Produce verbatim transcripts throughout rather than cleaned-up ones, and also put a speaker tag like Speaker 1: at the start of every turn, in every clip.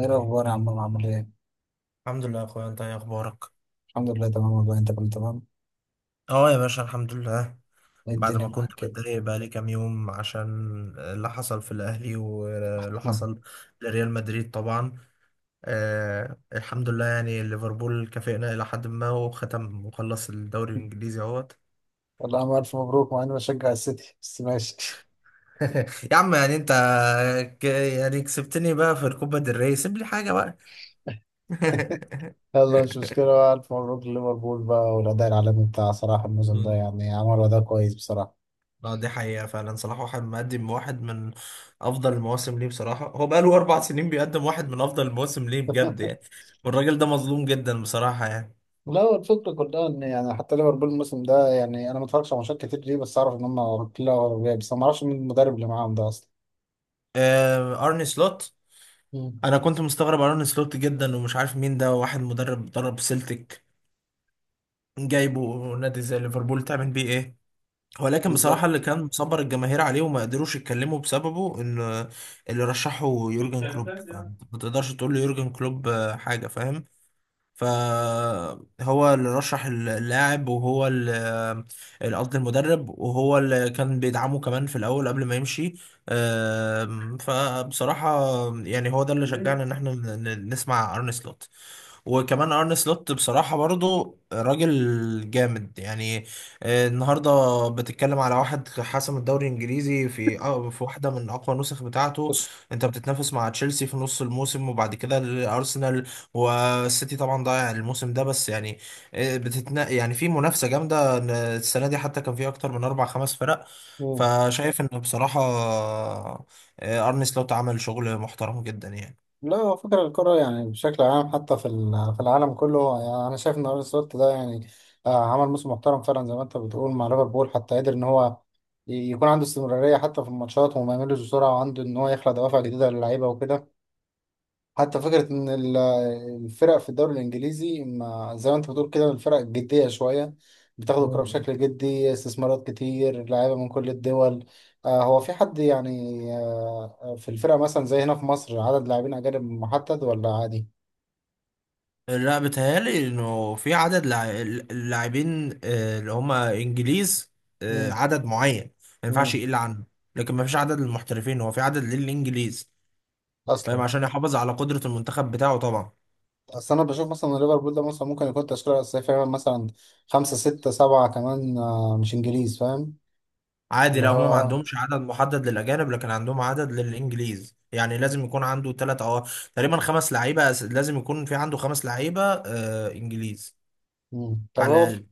Speaker 1: ايه الاخبار يا عم، عامل ايه؟
Speaker 2: الحمد لله يا اخويا، انت ايه اخبارك؟
Speaker 1: الحمد لله تمام والله، انت كنت تمام؟
Speaker 2: اه يا باشا، الحمد لله.
Speaker 1: ايه
Speaker 2: بعد
Speaker 1: الدنيا
Speaker 2: ما كنت
Speaker 1: معاك كده؟
Speaker 2: متضايق بقالي كام يوم عشان اللي حصل في الاهلي واللي
Speaker 1: مم.
Speaker 2: حصل لريال مدريد طبعا. آه الحمد لله، يعني ليفربول كافئنا الى حد ما، وختم وخلص الدوري الانجليزي اهوت.
Speaker 1: والله عم، الف مبروك. مع اني بشجع السيتي بس ماشي.
Speaker 2: يا عم يعني انت ك- يعني كسبتني بقى في الكوبا del ري، سيب لي حاجه بقى.
Speaker 1: يلا مش مشكله بقى، الف مبروك لليفربول بقى. والاداء العالمي بتاع صلاح الموسم ده يعني عملوا اداء كويس بصراحه.
Speaker 2: لا دي حقيقة، فعلا صلاح واحد مقدم واحد من أفضل المواسم ليه بصراحة، هو بقاله أربع سنين بيقدم واحد من أفضل المواسم ليه بجد يعني. والراجل ده مظلوم جدا بصراحة يعني.
Speaker 1: لا، هو الفكرة كلها إن يعني حتى ليفربول الموسم ده، يعني أنا ما اتفرجش على ماتشات كتير ليه، بس أعرف إن هم كلها أوروبية، بس ما أعرفش مين المدرب اللي معاهم ده أصلا.
Speaker 2: آه أرني سلوت.
Speaker 1: مم.
Speaker 2: أنا كنت مستغرب أرني سلوت جدا، ومش عارف مين ده، واحد مدرب درب سيلتيك، جايبه نادي زي ليفربول تعمل بيه إيه؟ ولكن بصراحة اللي
Speaker 1: بالظبط.
Speaker 2: كان مصبر الجماهير عليه وما قدروش يتكلموا بسببه إن اللي رشحه يورجن كلوب، فما تقدرش تقول له يورجن كلوب آه، حاجة، فاهم. فهو اللي رشح اللاعب، وهو اللي قصدي المدرب، وهو اللي كان بيدعمه كمان في الاول قبل ما يمشي. آم، فبصراحة يعني هو ده اللي شجعنا ان احنا ن- ن- نسمع ارن سلوت. وكمان ارن سلوت بصراحة برضو راجل جامد يعني. آه، النهاردة بتتكلم على واحد حسم الدوري الانجليزي في آه، في واحدة من اقوى النسخ بتاعته. انت بتتنافس مع تشيلسي في نص الموسم، وبعد كده الارسنال، والسيتي طبعا ضايع الموسم ده، بس يعني آه، بتتنا يعني في منافسة جامدة، إن السنة دي حتى كان في اكتر من اربع خمس فرق. فشايف ان بصراحة آه، ارن سلوت عمل شغل محترم جدا
Speaker 1: لا، هو فكرة الكرة يعني بشكل عام حتى في ال- في العالم كله. يعني أنا شايف إن أرون سلوت ده يعني آه، عمل موسم محترم فعلا زي ما أنت بتقول مع ليفربول، حتى قدر إن هو ي- يكون عنده استمرارية حتى في الماتشات وما يملش بسرعة، وعنده إن هو يخلق دوافع جديدة للعيبة وكده. حتى فكرة إن ال- الفرق في الدوري الإنجليزي ما زي ما أنت بتقول كده، الفرق جدية شوية، بتاخد الكرة
Speaker 2: يعني.
Speaker 1: بشكل جدي، استثمارات كتير لعيبة من كل الدول. آه هو في حد يعني، آه في الفرقة مثلا زي هنا في مصر عدد لاعبين أجانب محدد ولا عادي؟
Speaker 2: لا بيتهيألي انه في عدد لاع- اللاعبين آه، اللي هم انجليز، آه،
Speaker 1: مم.
Speaker 2: عدد معين ما ينفعش
Speaker 1: مم.
Speaker 2: يقل عنه. لكن ما فيش عدد للمحترفين، هو في عدد للانجليز، فاهم،
Speaker 1: أصلا.
Speaker 2: عشان يحافظ على قدرة المنتخب بتاعه طبعا.
Speaker 1: أصل أنا بشوف مثلا إن ليفربول ده مثلا ممكن يكون تشكيلة أساسية فعلا مثلا خمسة ستة سبعة كمان آه مش إنجليز، فاهم؟
Speaker 2: عادي،
Speaker 1: اللي
Speaker 2: لا
Speaker 1: هو
Speaker 2: هم ما
Speaker 1: آه.
Speaker 2: عندهمش عدد محدد للاجانب، لكن عندهم عدد للانجليز، يعني لازم يكون عنده ثلاث او تقريبا خمس لعيبة، أس- لازم يكون في عنده خمس لعيبة آه، انجليز
Speaker 1: مم. طب
Speaker 2: على
Speaker 1: هو
Speaker 2: الاقل.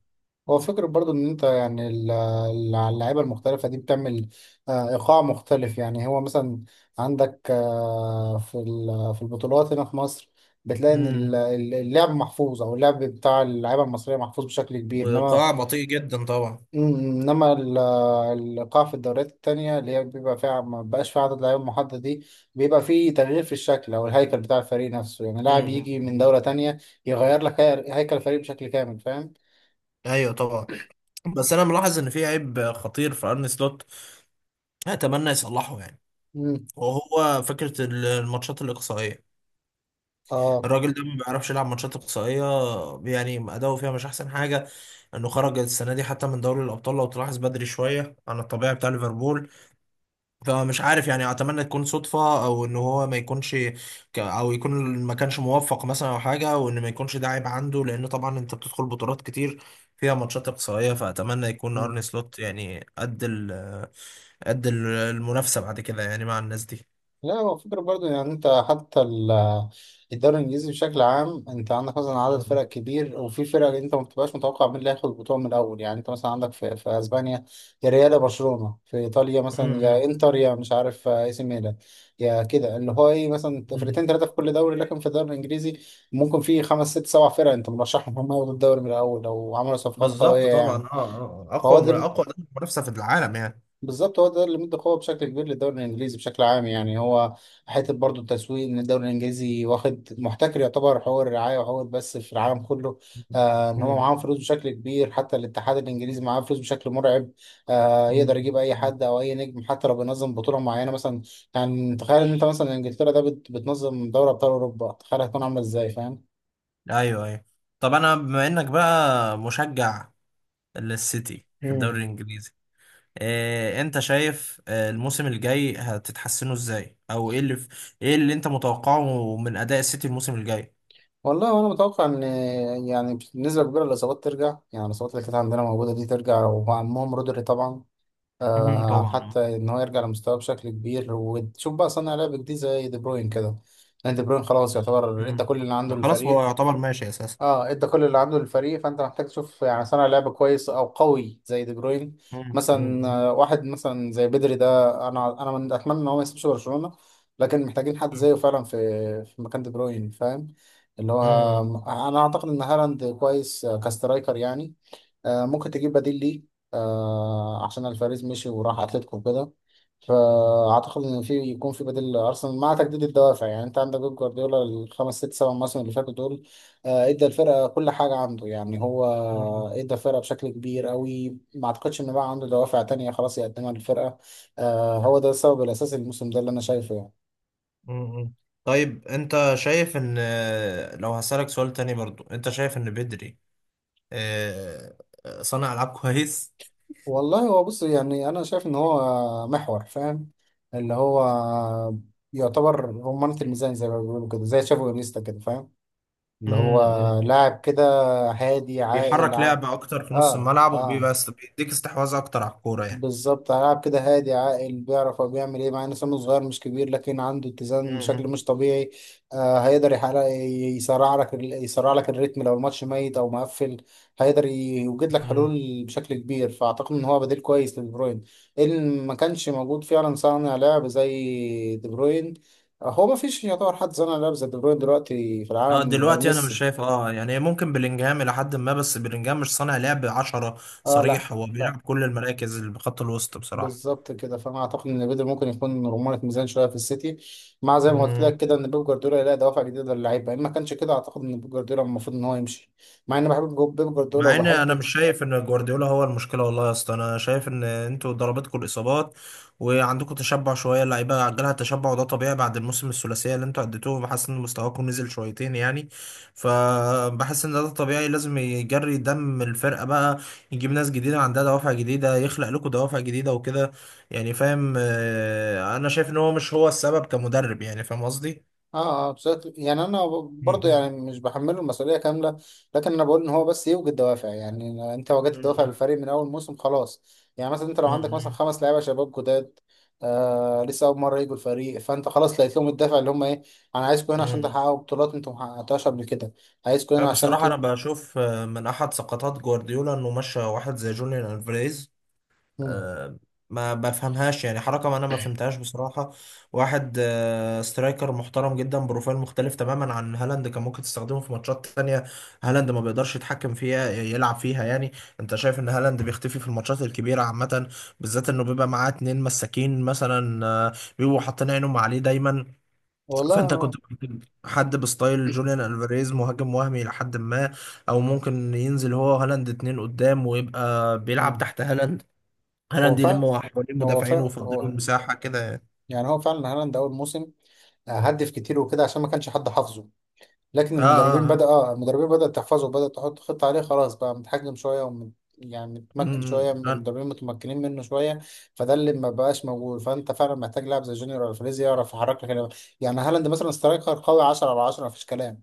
Speaker 1: هو فكرة برضو ان انت يعني ال- ال- اللعيبة المختلفة دي بتعمل آه، ايقاع مختلف. يعني هو مثلا عندك آه، في ال- في البطولات هنا في مصر بتلاقي ان ال-
Speaker 2: امم
Speaker 1: ال- اللعب محفوظ او اللعب بتاع اللعيبة المصرية محفوظ بشكل كبير، انما
Speaker 2: وقاع بطيء جدا طبعا.
Speaker 1: مم، انما ال- الايقاع في الدوريات التانية اللي هي بيبقى فيها، ما بقاش فيها عدد لعيبة محدد دي، بيبقى فيه تغيير في الشكل او الهيكل بتاع الفريق نفسه، يعني لاعب
Speaker 2: امم
Speaker 1: يجي من دولة تانية يغير لك هي- هيكل الفريق بشكل كامل، فاهم؟
Speaker 2: ايوه طبعا. بس انا ملاحظ ان في عيب خطير في ارن سلوت، اتمنى يصلحه يعني.
Speaker 1: مم.
Speaker 2: وهو فكره الماتشات الاقصائيه،
Speaker 1: اه.
Speaker 2: الراجل ده ما بيعرفش يلعب ماتشات اقصائيه، يعني اداؤه فيها مش احسن حاجه. انه خرج السنه دي حتى من دوري الابطال لو تلاحظ بدري شويه عن الطبيعي بتاع ليفربول. فمش عارف يعني، اتمنى تكون صدفة، او ان هو ما يكونش ك- او يكون ما كانش موفق مثلا او حاجة، وان ما يكونش ده عيب عنده، لان طبعا انت بتدخل بطولات كتير فيها ماتشات اقصائية. فاتمنى يكون ارني
Speaker 1: مم.
Speaker 2: سلوت يعني قد ال قد ال- المنافسة بعد كده يعني مع الناس دي.
Speaker 1: لا، هو فكرة برضو يعني انت حتى ال- الدوري الانجليزي بشكل عام، انت عندك مثلا عدد فرق
Speaker 2: مم.
Speaker 1: كبير وفي فرق انت ما بتبقاش متوقع مين اللي هياخد البطولة من الاول. يعني انت مثلا عندك في, في اسبانيا يا ريال يا برشلونة، في ايطاليا مثلا يا
Speaker 2: مم.
Speaker 1: انتر يا مش عارف آه، اي سي ميلان، يا كده اللي هو ايه، مثلا
Speaker 2: مم.
Speaker 1: فرقتين ثلاثة في كل دوري، لكن في الدوري الانجليزي ممكن في خمس ست سبع فرق انت مرشحهم هم ياخدوا الدوري من الاول لو عملوا صفقات
Speaker 2: بالظبط
Speaker 1: قوية
Speaker 2: طبعا،
Speaker 1: يعني.
Speaker 2: اه آه.
Speaker 1: فهو
Speaker 2: اقوى
Speaker 1: ده،
Speaker 2: اقوى منافسة في العالم يعني.
Speaker 1: بالظبط هو ده اللي مدى قوه بشكل كبير للدوري الانجليزي بشكل عام. يعني هو حته برضو التسويق ان الدوري الانجليزي واخد محتكر يعتبر حقوق الرعايه وحقوق البث في العالم كله. آه ان هو
Speaker 2: مم.
Speaker 1: معاهم فلوس بشكل كبير، حتى الاتحاد الانجليزي معاه فلوس بشكل مرعب. آه يقدر يجيب اي
Speaker 2: مم.
Speaker 1: حد او اي نجم حتى لو بينظم بطوله معينه مثلا. يعني تخيل ان انت مثلا انجلترا ده بت- بتنظم دوري ابطال اوروبا، تخيل هتكون عامله ازاي، فاهم؟
Speaker 2: ايوه ايوه. طب انا بما انك بقى مشجع للسيتي في الدوري
Speaker 1: مم.
Speaker 2: الانجليزي، إيه انت شايف آه، الموسم الجاي هتتحسنوا ازاي؟ او ايه اللي في، ايه اللي انت متوقعه من اداء السيتي الموسم الجاي؟
Speaker 1: والله انا متوقع ان يعني بنسبه كبيره الاصابات ترجع، يعني الاصابات اللي كانت عندنا موجوده دي ترجع، ومعهم رودري طبعا.
Speaker 2: امم
Speaker 1: آه
Speaker 2: طبعا.
Speaker 1: حتى ان هو يرجع لمستواه بشكل كبير، وتشوف بقى صانع لعب جديد زي دي بروين كده، لان دي بروين خلاص يعتبر ادى
Speaker 2: امم
Speaker 1: كل اللي عنده
Speaker 2: خلاص، هو
Speaker 1: للفريق.
Speaker 2: يعتبر ماشي اساسا.
Speaker 1: اه، ادى كل اللي عنده للفريق. فانت محتاج تشوف يعني صانع لعب كويس او قوي زي دي بروين
Speaker 2: امم
Speaker 1: مثلا.
Speaker 2: مم.
Speaker 1: آه، واحد مثلا زي بدري ده، انا انا من اتمنى ان هو ما يسيبش برشلونة، لكن محتاجين حد
Speaker 2: امم
Speaker 1: زيه فعلا في في مكان دي بروين، فاهم؟ اللي هو،
Speaker 2: امم
Speaker 1: انا اعتقد ان هالاند كويس آه، كسترايكر يعني. آه، ممكن تجيب بديل ليه آه، عشان الفاريز مشي وراح اتلتيكو وكده. فاعتقد ان في يكون في بديل لارسنال، مع تجديد الدوافع. يعني انت عندك بيب جوارديولا الخمس ست سبع مواسم اللي فاتوا دول آه، ادى الفرقه كل حاجه عنده. يعني هو
Speaker 2: مم.
Speaker 1: ادى الفرقه بشكل كبير قوي، ما اعتقدش ان بقى عنده دوافع تانية خلاص يقدمها للفرقه. آه، هو ده السبب الاساسي الموسم ده اللي انا شايفه يعني.
Speaker 2: مم. طيب انت شايف ان آه، لو هسألك سؤال تاني برضو، انت شايف ان بدري آه، صانع العاب كويس؟
Speaker 1: والله هو بص، يعني انا شايف ان هو محور، فاهم؟ اللي هو يعتبر رمانة الميزان زي ما بيقولوا كده، زي تشافي وانيستا كده، فاهم؟ اللي هو
Speaker 2: امم
Speaker 1: لاعب كده هادي عاقل.
Speaker 2: بيحرك
Speaker 1: ع...
Speaker 2: لعب اكتر في نص
Speaker 1: اه،
Speaker 2: الملعب، وبيبقى
Speaker 1: اه،
Speaker 2: است- بيديك استحواذ اكتر على الكورة يعني.
Speaker 1: بالظبط هيلعب كده هادي عاقل، بيعرف هو بيعمل ايه، مع ان سنه صغير مش كبير لكن عنده اتزان بشكل
Speaker 2: مم.
Speaker 1: مش طبيعي. آه هيقدر يحقق، يسرع لك ال- يسرع لك الريتم لو الماتش ميت او مقفل، هيقدر يوجد لك
Speaker 2: مم.
Speaker 1: حلول بشكل كبير. فاعتقد ان هو بديل كويس لدي بروين ان ما كانش موجود فعلا صانع لعب زي دي بروين. هو ما فيش يعتبر حد صانع لعب زي دي بروين دلوقتي في
Speaker 2: اه
Speaker 1: العالم غير
Speaker 2: دلوقتي انا مش
Speaker 1: ميسي.
Speaker 2: شايف، اه يعني ممكن بلينجهام الى حد ما، بس بلينجهام مش صانع لعب عشرة
Speaker 1: اه، لا،
Speaker 2: صريح، هو
Speaker 1: لا،
Speaker 2: بيلعب كل المراكز اللي بخط الوسط بصراحة.
Speaker 1: بالظبط كده. فانا اعتقد ان بيدر ممكن يكون رمانة ميزان شويه في السيتي، مع زي ما قلت
Speaker 2: مم.
Speaker 1: لك كده ان بيب جوارديولا يلاقي دوافع جديده للعيبه. ان ما كانش كده اعتقد ان بيب جوارديولا المفروض ان هو يمشي، مع اني بحب جو- بيب جوارديولا
Speaker 2: مع ان انا
Speaker 1: وبحب.
Speaker 2: مش شايف ان جوارديولا هو المشكله، والله يا اسطى، انا شايف ان انتوا ضربتكم الاصابات، وعندكم تشبع شويه، اللعيبه عجلها التشبع، وده طبيعي بعد الموسم الثلاثيه اللي انتوا اديتوه. بحس ان مستواكم نزل شويتين يعني. فبحس ان ده طبيعي، لازم يجري دم الفرقه بقى، يجيب ناس جديده عندها دوافع جديده، يخلق لكم دوافع جديده وكده يعني، فاهم. آه، انا شايف ان هو مش هو السبب كمدرب يعني، فاهم قصدي.
Speaker 1: اه، اه، بشكل يعني انا برضه
Speaker 2: مم.
Speaker 1: يعني مش بحمله المسؤوليه كامله، لكن انا بقول ان هو بس يوجد دوافع. يعني انت وجدت
Speaker 2: مم.
Speaker 1: دوافع
Speaker 2: مم.
Speaker 1: للفريق من اول موسم خلاص. يعني مثلا انت لو عندك مثلا
Speaker 2: مم.
Speaker 1: خمس لعيبه شباب جداد آه لسه اول مره يجوا الفريق، فانت خلاص لقيت لهم الدافع اللي هم ايه، انا عايزكم هنا عشان
Speaker 2: مم.
Speaker 1: تحققوا بطولات انتم ما حققتوهاش قبل كده، عايزكم
Speaker 2: أه،
Speaker 1: هنا عشان.
Speaker 2: بصراحة أنا
Speaker 1: تت...
Speaker 2: بشوف آه، من أحد سقطات جوارديولا إنه مشى واحد زي جوليان ألفاريز.
Speaker 1: مم.
Speaker 2: آه، ما بفهمهاش يعني، حركة ما أنا ما فهمتهاش بصراحة. واحد آه، سترايكر محترم جدا، بروفايل مختلف تماما عن هالاند، كان ممكن تستخدمه في ماتشات تانية هالاند ما بيقدرش يتحكم فيها يلعب فيها يعني. أنت شايف إن هالاند بيختفي في الماتشات الكبيرة عامة، بالذات إنه بيبقى معاه اتنين مساكين مثلا آه، بيبقوا حاطين عينهم عليه دايما.
Speaker 1: والله
Speaker 2: فانت كنت
Speaker 1: هو.
Speaker 2: ممكن حد بستايل جوليان الفاريز، مهاجم وهمي لحد ما، او ممكن ينزل هو هالاند اتنين قدام ويبقى بيلعب
Speaker 1: مم.
Speaker 2: تحت هالاند،
Speaker 1: هو
Speaker 2: هالاند
Speaker 1: فعلا
Speaker 2: يلم حوالين
Speaker 1: هو
Speaker 2: مدافعين
Speaker 1: فعلا
Speaker 2: ويفضلوا
Speaker 1: هو
Speaker 2: المساحة كده يعني.
Speaker 1: يعني هو فعلا هالاند اول موسم آه، هدف كتير وكده عشان ما كانش حد حافظه. لكن
Speaker 2: اه
Speaker 1: المدربين
Speaker 2: اه
Speaker 1: بدأ
Speaker 2: اه
Speaker 1: اه المدربين بدأت تحفظه، بدأت تحط خطة عليه، خلاص بقى متحجم شوية. ومت... يعني
Speaker 2: م-
Speaker 1: متمكن شوية،
Speaker 2: م- اه
Speaker 1: المدربين متمكنين منه شوية. فده اللي ما بقاش موجود، فأنت فعلا محتاج لاعب زي جونيور الفريز يعرف يحرك لك ال- يعني هالاند مثلا سترايكر قوي عشرة على عشرة، مفيش كلام.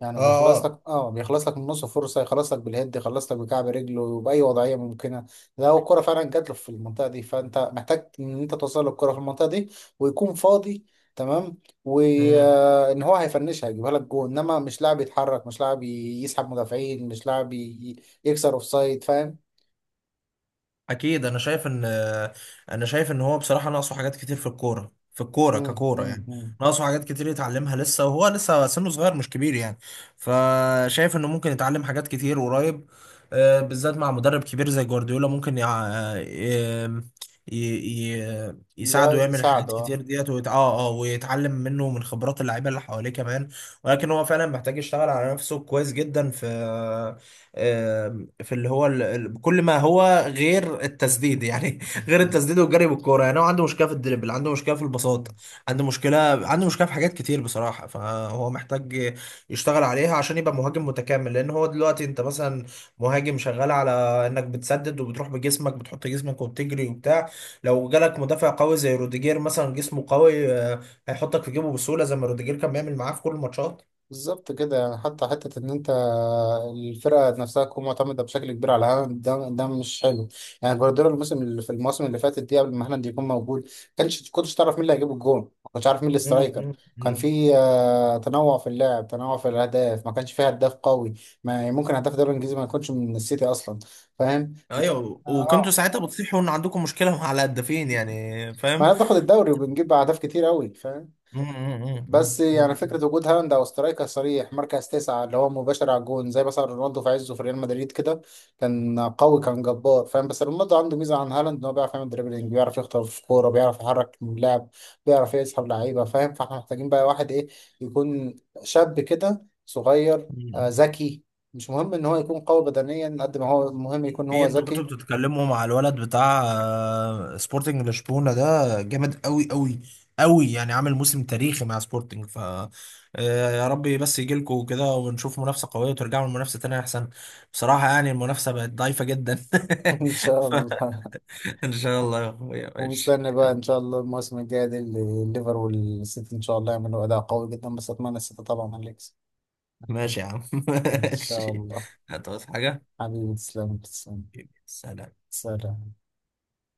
Speaker 1: يعني
Speaker 2: اه
Speaker 1: بيخلص
Speaker 2: آه.
Speaker 1: لك، اه، بيخلص لك من نص فرصه، يخلص لك بالهيد، يخلص لك بكعب رجله وباي وضعيه ممكنه، لو الكره فعلا جات له في المنطقه دي. فانت محتاج ان انت توصل له الكره في المنطقه دي ويكون فاضي، تمام،
Speaker 2: م.
Speaker 1: وان هو هيفنشها، هيجيبها لك جول. انما مش لاعب يتحرك، مش لاعب ي- يسحب مدافعين، مش لاعب ي- يكسر اوفسايد، فاهم؟
Speaker 2: اكيد، انا شايف ان، انا شايف ان هو بصراحه ناقصه حاجات كتير في الكوره، في الكوره
Speaker 1: امم.
Speaker 2: ككوره يعني.
Speaker 1: امم.
Speaker 2: ناقصه حاجات كتير يتعلمها لسه، وهو لسه سنه صغير مش كبير يعني. فشايف انه ممكن يتعلم حاجات كتير قريب، آه، بالذات مع مدرب كبير زي جوارديولا، ممكن يع... آه، ي... ي... ي...
Speaker 1: يا
Speaker 2: يساعده يعمل حاجات
Speaker 1: يساعده.
Speaker 2: كتير ديت ويت... اه اه ويتعلم منه من خبرات اللعيبه اللي حواليه كمان. ولكن هو فعلا محتاج يشتغل على نفسه كويس جدا في، آه، في اللي هو ال... ال- كل ما هو غير التسديد يعني، غير التسديد والجري بالكوره. يعني هو عنده مشكله في الدريبل، عنده مشكله في
Speaker 1: اه،
Speaker 2: البساط، عنده مشكله عنده مشكله في حاجات كتير بصراحه. فهو محتاج يشتغل عليها عشان يبقى مهاجم متكامل، لان هو دلوقتي انت مثلا مهاجم شغال على انك بتسدد وبتروح بجسمك، بتحط جسمك وبتجري وبتاع. لو جالك مدافع قوي زي روديجير مثلا جسمه قوي آه، هيحطك في جيبه بسهوله، زي ما روديجير كان بيعمل معاه في كل الماتشات.
Speaker 1: بالظبط كده. يعني حتى حتة إن أنت الفرقة نفسها تكون معتمدة بشكل كبير على هالاند ده ده مش حلو. يعني جوارديولا الموسم اللي في الموسم اللي فاتت دي قبل ما هالاند يكون موجود، كانش كنتش تعرف مين اللي هيجيب الجون، ما كنتش عارف مين
Speaker 2: مم،
Speaker 1: الاسترايكر.
Speaker 2: مم،
Speaker 1: كان
Speaker 2: مم.
Speaker 1: في آه، تنوع في اللعب، تنوع في الأهداف، ما كانش في هداف قوي، ما ممكن هداف الدوري الإنجليزي ما يكونش من السيتي أصلا، فاهم؟
Speaker 2: ايوه، وكنتوا
Speaker 1: اه،
Speaker 2: ساعتها بتصيحوا ان عندكم مشكله مع الهدافين يعني،
Speaker 1: ما
Speaker 2: فاهم.
Speaker 1: احنا بناخد الدوري وبنجيب أهداف كتير أوي.
Speaker 2: مم، مم،
Speaker 1: بس
Speaker 2: مم، مم،
Speaker 1: يعني فكرة وجود هالاند أو سترايكر صريح مركز تسعة اللي هو مباشر على الجون، زي مثلا رونالدو في عزه في ريال مدريد كده، كان قوي كان جبار، فاهم؟ بس رونالدو عنده ميزة عن هالاند إن هو بيعرف يعمل دريبلينج، بيعرف يخطف في كورة، بيعرف يحرك اللاعب، بيعرف يسحب لعيبة، فاهم؟ فاحنا محتاجين بقى واحد إيه، يكون شاب كده صغير، آه،
Speaker 2: مم.
Speaker 1: ذكي. مش مهم إن هو يكون قوي بدنيا قد ما هو مهم يكون
Speaker 2: في
Speaker 1: هو
Speaker 2: انتوا كنتوا
Speaker 1: ذكي.
Speaker 2: بتتكلموا مع الولد بتاع آه، سبورتنج لشبونه ده، جامد قوي قوي قوي يعني، عامل موسم تاريخي مع سبورتنج. ف آه، يا رب بس يجي لكم كده، ونشوف منافسه قويه، وترجعوا للمنافسه تاني احسن بصراحه، يعني المنافسه بقت ضعيفه جدا.
Speaker 1: إن شاء
Speaker 2: ف...
Speaker 1: الله.
Speaker 2: ان شاء الله يا اخويا، ماشي.
Speaker 1: ومستني بقى
Speaker 2: يلا،
Speaker 1: ان شاء الله الموسم الجاي دي اللي- الليفر والسيتي ان شاء الله يعملوا اداء قوي جدا، بس اتمنى السيتي طبعا هنكسب.
Speaker 2: ماشي يا عم.
Speaker 1: ان شاء
Speaker 2: ماشي،
Speaker 1: الله.
Speaker 2: هتعوز حاجه؟
Speaker 1: حبيبي، تسلم تسلم.
Speaker 2: سلام.
Speaker 1: سلام.